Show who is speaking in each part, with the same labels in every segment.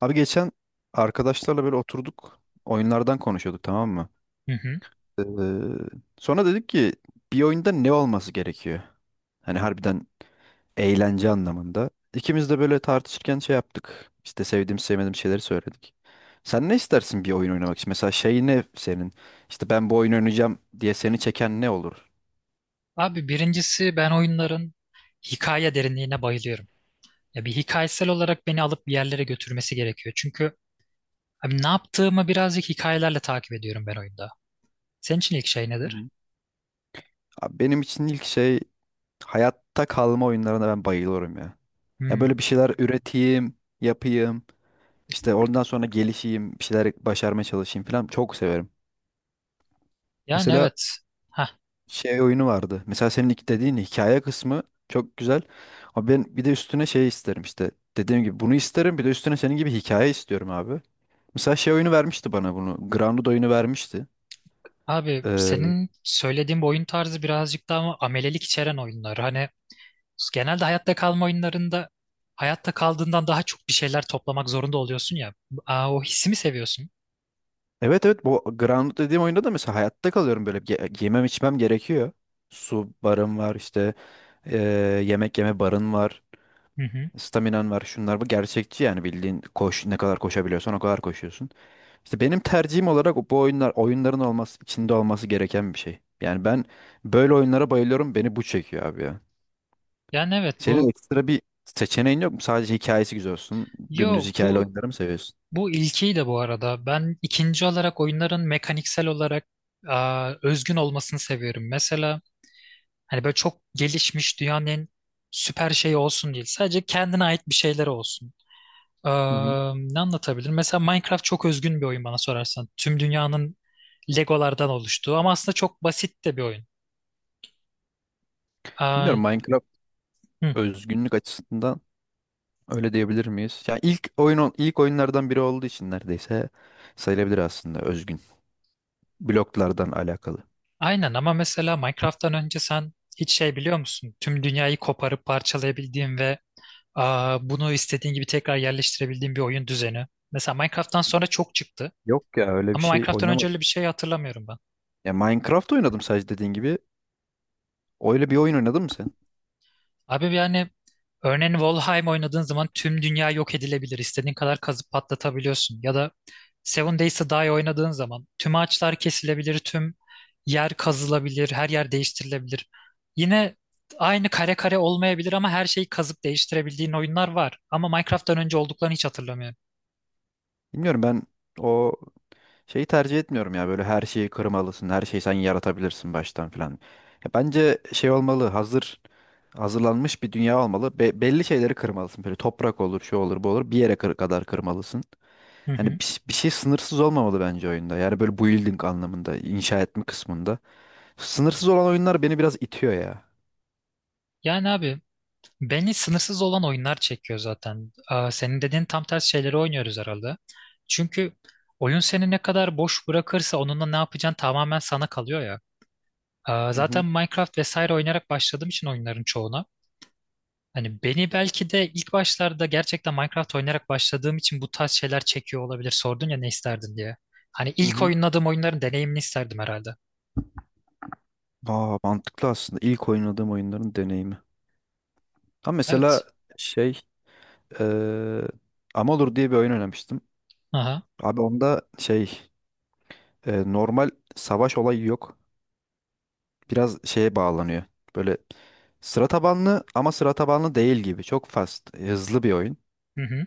Speaker 1: Abi geçen arkadaşlarla böyle oturduk. Oyunlardan konuşuyorduk, tamam mı?
Speaker 2: Hı hı.
Speaker 1: Ee, Sonra dedik ki bir oyunda ne olması gerekiyor? Hani harbiden eğlence anlamında. İkimiz de böyle tartışırken şey yaptık. İşte sevdiğim sevmediğim şeyleri söyledik. Sen ne istersin bir oyun oynamak için? Mesela şey ne senin? İşte ben bu oyun oynayacağım diye seni çeken ne olur?
Speaker 2: Abi, birincisi, ben oyunların hikaye derinliğine bayılıyorum. Ya bir hikayesel olarak beni alıp bir yerlere götürmesi gerekiyor. Çünkü abi, ne yaptığımı birazcık hikayelerle takip ediyorum ben oyunda. Senin için ilk şey
Speaker 1: Hı
Speaker 2: nedir?
Speaker 1: hı. Abi benim için ilk şey hayatta kalma oyunlarına ben bayılıyorum ya. Ya böyle
Speaker 2: Hmm.
Speaker 1: bir şeyler üreteyim, yapayım, işte ondan sonra gelişeyim, bir şeyler başarmaya çalışayım falan çok severim.
Speaker 2: Yani
Speaker 1: Mesela
Speaker 2: evet. Hah.
Speaker 1: şey oyunu vardı. Mesela senin ilk dediğin hikaye kısmı çok güzel. Ama ben bir de üstüne şey isterim işte. Dediğim gibi bunu isterim, bir de üstüne senin gibi hikaye istiyorum abi. Mesela şey oyunu vermişti bana bunu. Grounded oyunu vermişti.
Speaker 2: Abi,
Speaker 1: Ee,
Speaker 2: senin söylediğin bu oyun tarzı birazcık daha ama amelelik içeren oyunlar. Hani genelde hayatta kalma oyunlarında hayatta kaldığından daha çok bir şeyler toplamak zorunda oluyorsun ya. Aa, o hissimi seviyorsun.
Speaker 1: Evet, evet, bu Grounded dediğim oyunda da mesela hayatta kalıyorum, böyle yemem içmem gerekiyor. Su barın var işte, eee, yemek yeme barın var.
Speaker 2: Hı hı.
Speaker 1: Staminan var, şunlar, bu gerçekçi. Yani bildiğin koş, ne kadar koşabiliyorsan o kadar koşuyorsun. İşte benim tercihim olarak bu oyunlar oyunların olması içinde olması gereken bir şey. Yani ben böyle oyunlara bayılıyorum, beni bu çekiyor abi ya.
Speaker 2: Yani evet
Speaker 1: Senin
Speaker 2: bu
Speaker 1: ekstra bir seçeneğin yok mu? Sadece hikayesi güzel olsun.
Speaker 2: Yo
Speaker 1: Dümdüz hikayeli
Speaker 2: bu
Speaker 1: oyunları mı seviyorsun?
Speaker 2: Bu ilkiydi bu arada. Ben ikinci olarak oyunların mekaniksel olarak, aa, özgün olmasını seviyorum. Mesela hani böyle çok gelişmiş dünyanın en süper şeyi olsun değil. Sadece kendine ait bir şeyler olsun.
Speaker 1: Hı hı.
Speaker 2: Aa, ne anlatabilirim? Mesela Minecraft çok özgün bir oyun bana sorarsan. Tüm dünyanın Legolardan oluştuğu ama aslında çok basit de bir oyun. Aa,
Speaker 1: Bilmiyorum, Minecraft
Speaker 2: hı,
Speaker 1: özgünlük açısından öyle diyebilir miyiz? Yani ilk oyun, ilk oyunlardan biri olduğu için neredeyse sayılabilir aslında özgün. Bloklardan alakalı.
Speaker 2: aynen, ama mesela Minecraft'tan önce sen hiç şey biliyor musun? Tüm dünyayı koparıp parçalayabildiğin ve, aa, bunu istediğin gibi tekrar yerleştirebildiğin bir oyun düzeni. Mesela Minecraft'tan sonra çok çıktı.
Speaker 1: Yok ya, öyle bir
Speaker 2: Ama
Speaker 1: şey
Speaker 2: Minecraft'tan önce
Speaker 1: oynamadım.
Speaker 2: öyle bir şey hatırlamıyorum ben.
Speaker 1: Ya Minecraft oynadım sadece dediğin gibi. Öyle bir oyun oynadın mı sen?
Speaker 2: Abi yani, örneğin Valheim oynadığın zaman tüm dünya yok edilebilir. İstediğin kadar kazıp patlatabiliyorsun. Ya da Seven Days to Die oynadığın zaman tüm ağaçlar kesilebilir, tüm yer kazılabilir, her yer değiştirilebilir. Yine aynı kare kare olmayabilir ama her şeyi kazıp değiştirebildiğin oyunlar var. Ama Minecraft'tan önce olduklarını hiç hatırlamıyorum.
Speaker 1: Bilmiyorum, ben o şeyi tercih etmiyorum ya, böyle her şeyi kırmalısın, her şeyi sen yaratabilirsin baştan filan. Ya bence şey olmalı, hazır hazırlanmış bir dünya olmalı. Belli şeyleri kırmalısın, böyle toprak olur, şu olur, bu olur. Bir yere kadar kırmalısın.
Speaker 2: Hı
Speaker 1: Yani
Speaker 2: hı.
Speaker 1: bir şey sınırsız olmamalı bence oyunda. Yani böyle building anlamında, inşa etme kısmında. Sınırsız olan oyunlar beni biraz itiyor ya.
Speaker 2: Yani abi, beni sınırsız olan oyunlar çekiyor zaten. Aa, senin dediğin tam tersi şeyleri oynuyoruz herhalde. Çünkü oyun seni ne kadar boş bırakırsa onunla ne yapacağın tamamen sana kalıyor ya. Aa,
Speaker 1: Hı
Speaker 2: zaten
Speaker 1: hı,
Speaker 2: Minecraft vesaire oynayarak başladığım için oyunların çoğuna. Hani beni belki de ilk başlarda gerçekten Minecraft oynayarak başladığım için bu tarz şeyler çekiyor olabilir. Sordun ya ne isterdin diye. Hani
Speaker 1: hı
Speaker 2: ilk
Speaker 1: hı.
Speaker 2: oynadığım oyunların deneyimini isterdim herhalde.
Speaker 1: Aa, mantıklı aslında. İlk oynadığım oyunların deneyimi. Ha mesela
Speaker 2: Evet.
Speaker 1: şey, eee Amalur diye bir oyun oynamıştım.
Speaker 2: Aha.
Speaker 1: Abi onda şey, normal savaş olayı yok. Biraz şeye bağlanıyor. Böyle sıra tabanlı ama sıra tabanlı değil gibi. Çok fast, hızlı bir oyun.
Speaker 2: Hı hı.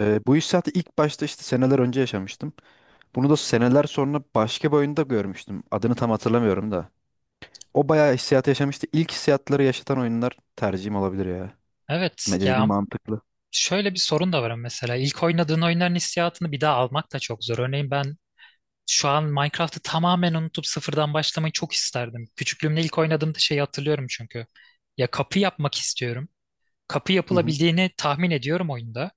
Speaker 1: Bu hissiyatı ilk başta işte seneler önce yaşamıştım. Bunu da seneler sonra başka bir oyunda görmüştüm. Adını tam hatırlamıyorum da. O bayağı hissiyat yaşamıştı. İlk hissiyatları yaşatan oyunlar tercihim olabilir ya.
Speaker 2: Evet.
Speaker 1: Dediğin
Speaker 2: Ya,
Speaker 1: mantıklı.
Speaker 2: şöyle bir sorun da var ama mesela ilk oynadığın oyunların hissiyatını bir daha almak da çok zor. Örneğin ben şu an Minecraft'ı tamamen unutup sıfırdan başlamayı çok isterdim. Küçüklüğümde ilk oynadığımda şeyi hatırlıyorum çünkü. Ya, kapı yapmak istiyorum. Kapı
Speaker 1: Hı hı,
Speaker 2: yapılabildiğini tahmin ediyorum oyunda.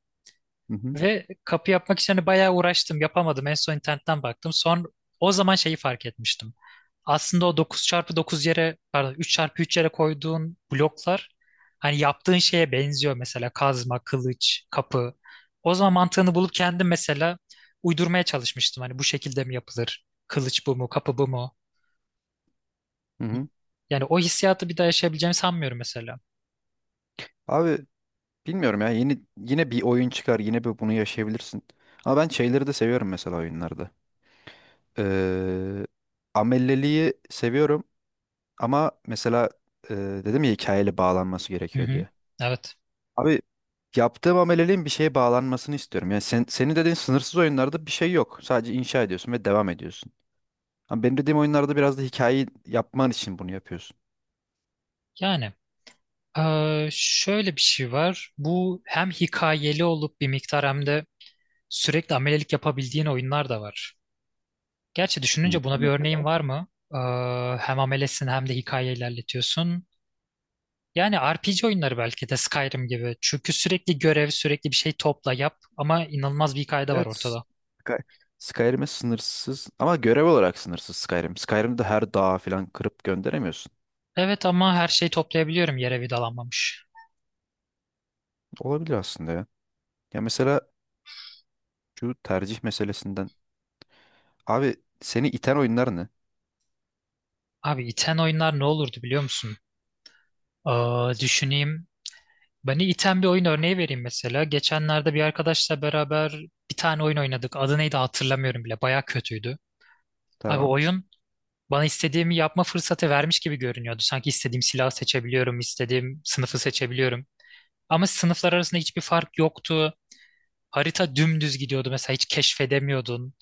Speaker 1: hı hı,
Speaker 2: Ve kapı yapmak için hani bayağı uğraştım, yapamadım. En son internetten baktım. Son, o zaman şeyi fark etmiştim. Aslında o dokuz çarpı dokuz yere, pardon, üç çarpı üç yere koyduğun bloklar hani yaptığın şeye benziyor, mesela kazma, kılıç, kapı. O zaman mantığını bulup kendim mesela uydurmaya çalışmıştım. Hani bu şekilde mi yapılır? Kılıç bu mu, kapı bu mu?
Speaker 1: hı hı.
Speaker 2: Yani o hissiyatı bir daha yaşayabileceğimi sanmıyorum mesela.
Speaker 1: Abi bilmiyorum ya. Yine bir oyun çıkar. Yine bir bunu yaşayabilirsin. Ama ben şeyleri de seviyorum mesela oyunlarda. Ee, Amelliliği seviyorum. Ama mesela e, dedim ya hikayeli bağlanması
Speaker 2: Hı
Speaker 1: gerekiyor
Speaker 2: hı.
Speaker 1: diye.
Speaker 2: Evet.
Speaker 1: Abi yaptığım ameliliğin bir şeye bağlanmasını istiyorum. Yani senin dediğin sınırsız oyunlarda bir şey yok. Sadece inşa ediyorsun ve devam ediyorsun. Ama benim dediğim oyunlarda biraz da hikayeyi yapman için bunu yapıyorsun.
Speaker 2: Yani, şöyle bir şey var. Bu hem hikayeli olup bir miktar hem de sürekli amelelik yapabildiğin oyunlar da var. Gerçi
Speaker 1: Hmm.
Speaker 2: düşününce buna bir
Speaker 1: Demek ki...
Speaker 2: örneğin var mı? Hem amelesin hem de hikaye ilerletiyorsun. Yani RPG oyunları belki de Skyrim gibi. Çünkü sürekli görev, sürekli bir şey topla yap, ama inanılmaz bir hikaye var
Speaker 1: Evet.
Speaker 2: ortada.
Speaker 1: Sky- Skyrim'e sınırsız ama görev olarak sınırsız Skyrim. Skyrim'de her dağı falan kırıp gönderemiyorsun.
Speaker 2: Evet, ama her şeyi toplayabiliyorum yere vidalanmamış.
Speaker 1: Olabilir aslında ya. Ya mesela şu tercih meselesinden. Abi seni iten oyunlar ne?
Speaker 2: Abi, iten oyunlar ne olurdu biliyor musun? Aa, düşüneyim. Beni iten bir oyun örneği vereyim mesela. Geçenlerde bir arkadaşla beraber bir tane oyun oynadık. Adı neydi hatırlamıyorum bile. Baya kötüydü. Abi,
Speaker 1: Tamam.
Speaker 2: oyun bana istediğimi yapma fırsatı vermiş gibi görünüyordu. Sanki istediğim silahı seçebiliyorum, istediğim sınıfı seçebiliyorum. Ama sınıflar arasında hiçbir fark yoktu. Harita dümdüz gidiyordu, mesela hiç keşfedemiyordun.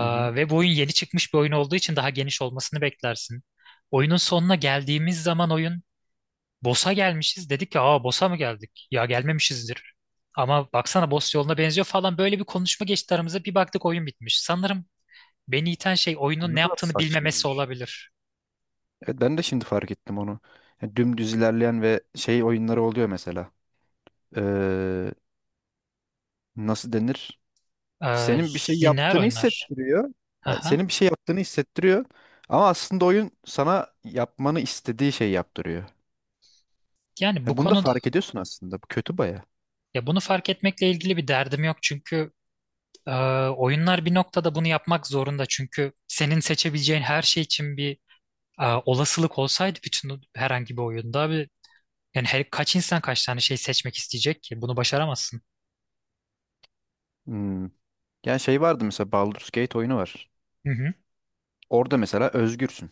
Speaker 1: Hı hı.
Speaker 2: ve bu oyun yeni çıkmış bir oyun olduğu için daha geniş olmasını beklersin. Oyunun sonuna geldiğimiz zaman oyun boss'a gelmişiz. Dedik ki, aa, boss'a mı geldik? Ya gelmemişizdir. Ama baksana, boss yoluna benziyor falan, böyle bir konuşma geçti aramıza. Bir baktık oyun bitmiş. Sanırım beni iten şey
Speaker 1: O
Speaker 2: oyunun
Speaker 1: ne
Speaker 2: ne
Speaker 1: kadar
Speaker 2: yaptığını bilmemesi
Speaker 1: saçmaymış.
Speaker 2: olabilir.
Speaker 1: Evet, ben de şimdi fark ettim onu. Yani dümdüz ilerleyen ve şey oyunları oluyor mesela. Ee, Nasıl denir?
Speaker 2: Ee,
Speaker 1: Senin bir şey
Speaker 2: Lineer
Speaker 1: yaptığını
Speaker 2: oyunlar.
Speaker 1: hissettiriyor. Yani
Speaker 2: Aha.
Speaker 1: senin bir şey yaptığını hissettiriyor. Ama aslında oyun sana yapmanı istediği şeyi yaptırıyor.
Speaker 2: Yani bu
Speaker 1: Yani bunu da
Speaker 2: konuda,
Speaker 1: fark ediyorsun aslında. Bu kötü baya.
Speaker 2: ya bunu fark etmekle ilgili bir derdim yok, çünkü Ee, oyunlar bir noktada bunu yapmak zorunda, çünkü senin seçebileceğin her şey için bir, olasılık olsaydı bütün herhangi bir oyunda abi, yani her, kaç insan kaç tane şey seçmek isteyecek ki bunu başaramazsın.
Speaker 1: Hmm. Yani şey vardı, mesela Baldur's Gate oyunu var.
Speaker 2: Hı hı.
Speaker 1: Orada mesela özgürsün.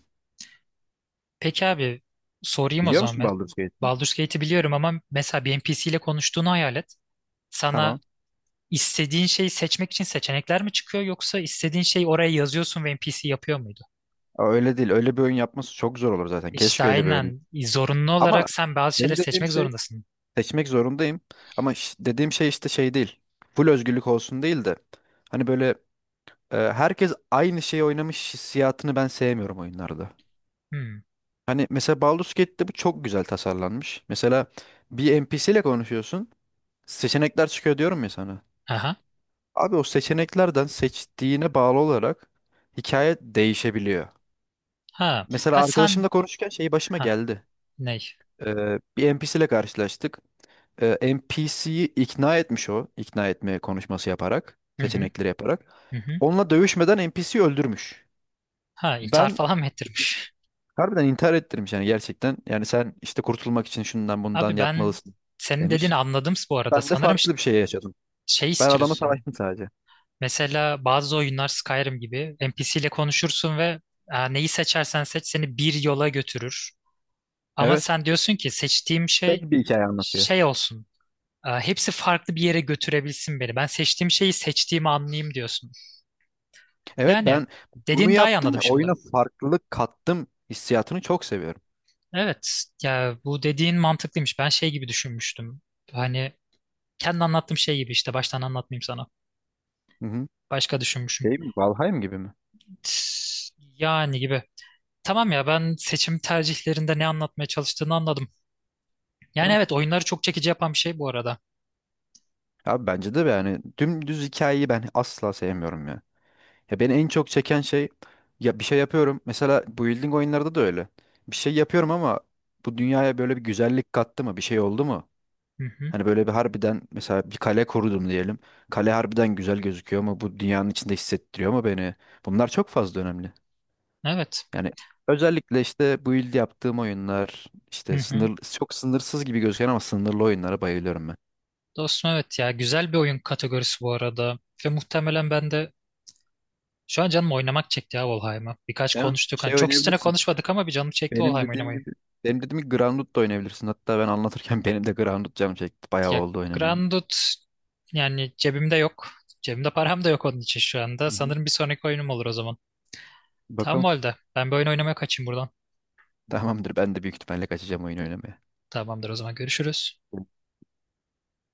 Speaker 2: Peki abi, sorayım o
Speaker 1: Biliyor
Speaker 2: zaman.
Speaker 1: musun Baldur's Gate'i?
Speaker 2: Baldur's Gate'i biliyorum, ama mesela bir NPC ile konuştuğunu hayal et. Sana
Speaker 1: Tamam.
Speaker 2: istediğin şeyi seçmek için seçenekler mi çıkıyor, yoksa istediğin şeyi oraya yazıyorsun ve NPC yapıyor muydu?
Speaker 1: Aa, öyle değil. Öyle bir oyun yapması çok zor olur zaten.
Speaker 2: İşte
Speaker 1: Keşke öyle bir oyun.
Speaker 2: aynen, zorunlu
Speaker 1: Ama
Speaker 2: olarak sen bazı şeyleri
Speaker 1: benim dediğim
Speaker 2: seçmek
Speaker 1: şey
Speaker 2: zorundasın.
Speaker 1: seçmek zorundayım. Ama dediğim şey işte şey değil. Full özgürlük olsun değil de. Hani böyle herkes aynı şeyi oynamış hissiyatını ben sevmiyorum oyunlarda.
Speaker 2: Hmm.
Speaker 1: Hani mesela Baldur's Gate'de bu çok güzel tasarlanmış. Mesela bir NPC ile konuşuyorsun. Seçenekler çıkıyor diyorum ya sana.
Speaker 2: Aha.
Speaker 1: Abi o seçeneklerden seçtiğine bağlı olarak hikaye değişebiliyor.
Speaker 2: Ha,
Speaker 1: Mesela
Speaker 2: ha sen,
Speaker 1: arkadaşımla konuşurken şey başıma
Speaker 2: ha
Speaker 1: geldi.
Speaker 2: ne?
Speaker 1: Bir NPC ile karşılaştık. NPC'yi ikna etmiş o. İkna etme konuşması yaparak,
Speaker 2: Hı hı,
Speaker 1: seçenekleri yaparak.
Speaker 2: hı hı.
Speaker 1: Onunla dövüşmeden NPC'yi öldürmüş.
Speaker 2: Ha, intihar
Speaker 1: Ben
Speaker 2: falan mı ettirmiş?
Speaker 1: harbiden intihar ettirmiş yani gerçekten. Yani sen işte kurtulmak için şundan bundan
Speaker 2: Abi, ben
Speaker 1: yapmalısın
Speaker 2: senin
Speaker 1: demiş.
Speaker 2: dediğini anladım bu arada.
Speaker 1: Ben de
Speaker 2: Sanırım
Speaker 1: farklı bir şey yaşadım.
Speaker 2: şey
Speaker 1: Ben adamla
Speaker 2: istiyorsun.
Speaker 1: savaştım sadece.
Speaker 2: Mesela bazı oyunlar Skyrim gibi NPC ile konuşursun ve, neyi seçersen seç seni bir yola götürür. Ama
Speaker 1: Evet.
Speaker 2: sen diyorsun ki seçtiğim
Speaker 1: Tek
Speaker 2: şey
Speaker 1: bir hikaye anlatıyor.
Speaker 2: şey olsun. Hepsi farklı bir yere götürebilsin beni. Ben seçtiğim şeyi seçtiğimi anlayayım diyorsun.
Speaker 1: Evet,
Speaker 2: Yani
Speaker 1: ben bunu
Speaker 2: dediğini daha iyi
Speaker 1: yaptım ve
Speaker 2: anladım
Speaker 1: oyuna
Speaker 2: şimdi.
Speaker 1: farklılık kattım hissiyatını çok seviyorum.
Speaker 2: Evet, ya bu dediğin mantıklıymış. Ben şey gibi düşünmüştüm. Hani kendi anlattığım şey gibi, işte baştan anlatmayayım sana.
Speaker 1: Hı hı.
Speaker 2: Başka düşünmüşüm.
Speaker 1: Şey mi? Valheim gibi mi?
Speaker 2: Tıs. Yani gibi. Tamam ya, ben seçim tercihlerinde ne anlatmaya çalıştığını anladım. Yani
Speaker 1: Tamam.
Speaker 2: evet, oyunları çok çekici yapan bir şey bu arada.
Speaker 1: Abi bence de yani dümdüz hikayeyi ben asla sevmiyorum ya. Ya beni en çok çeken şey, ya bir şey yapıyorum. Mesela building oyunlarda da öyle. Bir şey yapıyorum ama bu dünyaya böyle bir güzellik kattı mı? Bir şey oldu mu?
Speaker 2: Hı hı.
Speaker 1: Hani böyle bir harbiden mesela bir kale korudum diyelim. Kale harbiden güzel gözüküyor ama bu dünyanın içinde hissettiriyor mu beni? Bunlar çok fazla önemli.
Speaker 2: Evet.
Speaker 1: Yani özellikle işte build yaptığım oyunlar,
Speaker 2: Hı
Speaker 1: işte
Speaker 2: hı.
Speaker 1: sınır çok sınırsız gibi gözüken ama sınırlı oyunlara bayılıyorum ben.
Speaker 2: Dostum, evet ya, güzel bir oyun kategorisi bu arada. Ve muhtemelen ben de şu an canım oynamak çekti ya, Valheim'ı. Birkaç
Speaker 1: Değil mi?
Speaker 2: konuştuk. Hani
Speaker 1: Şey
Speaker 2: çok üstüne
Speaker 1: oynayabilirsin.
Speaker 2: konuşmadık ama bir canım çekti
Speaker 1: Benim
Speaker 2: Valheim
Speaker 1: dediğim
Speaker 2: oynamayı.
Speaker 1: gibi, benim dediğim gibi Grounded da oynayabilirsin. Hatta ben anlatırken benim de Grounded canım çekti. Bayağı
Speaker 2: Ya,
Speaker 1: oldu oynamaya.
Speaker 2: Grandut yani cebimde yok. Cebimde param da yok onun için şu anda.
Speaker 1: Hı hı.
Speaker 2: Sanırım bir sonraki oyunum olur o zaman. Tamam
Speaker 1: Bakalım.
Speaker 2: o halde. Ben bir oyun oynamaya kaçayım buradan.
Speaker 1: Tamamdır. Ben de büyük ihtimalle kaçacağım oyun oynamaya.
Speaker 2: Tamamdır o zaman, görüşürüz.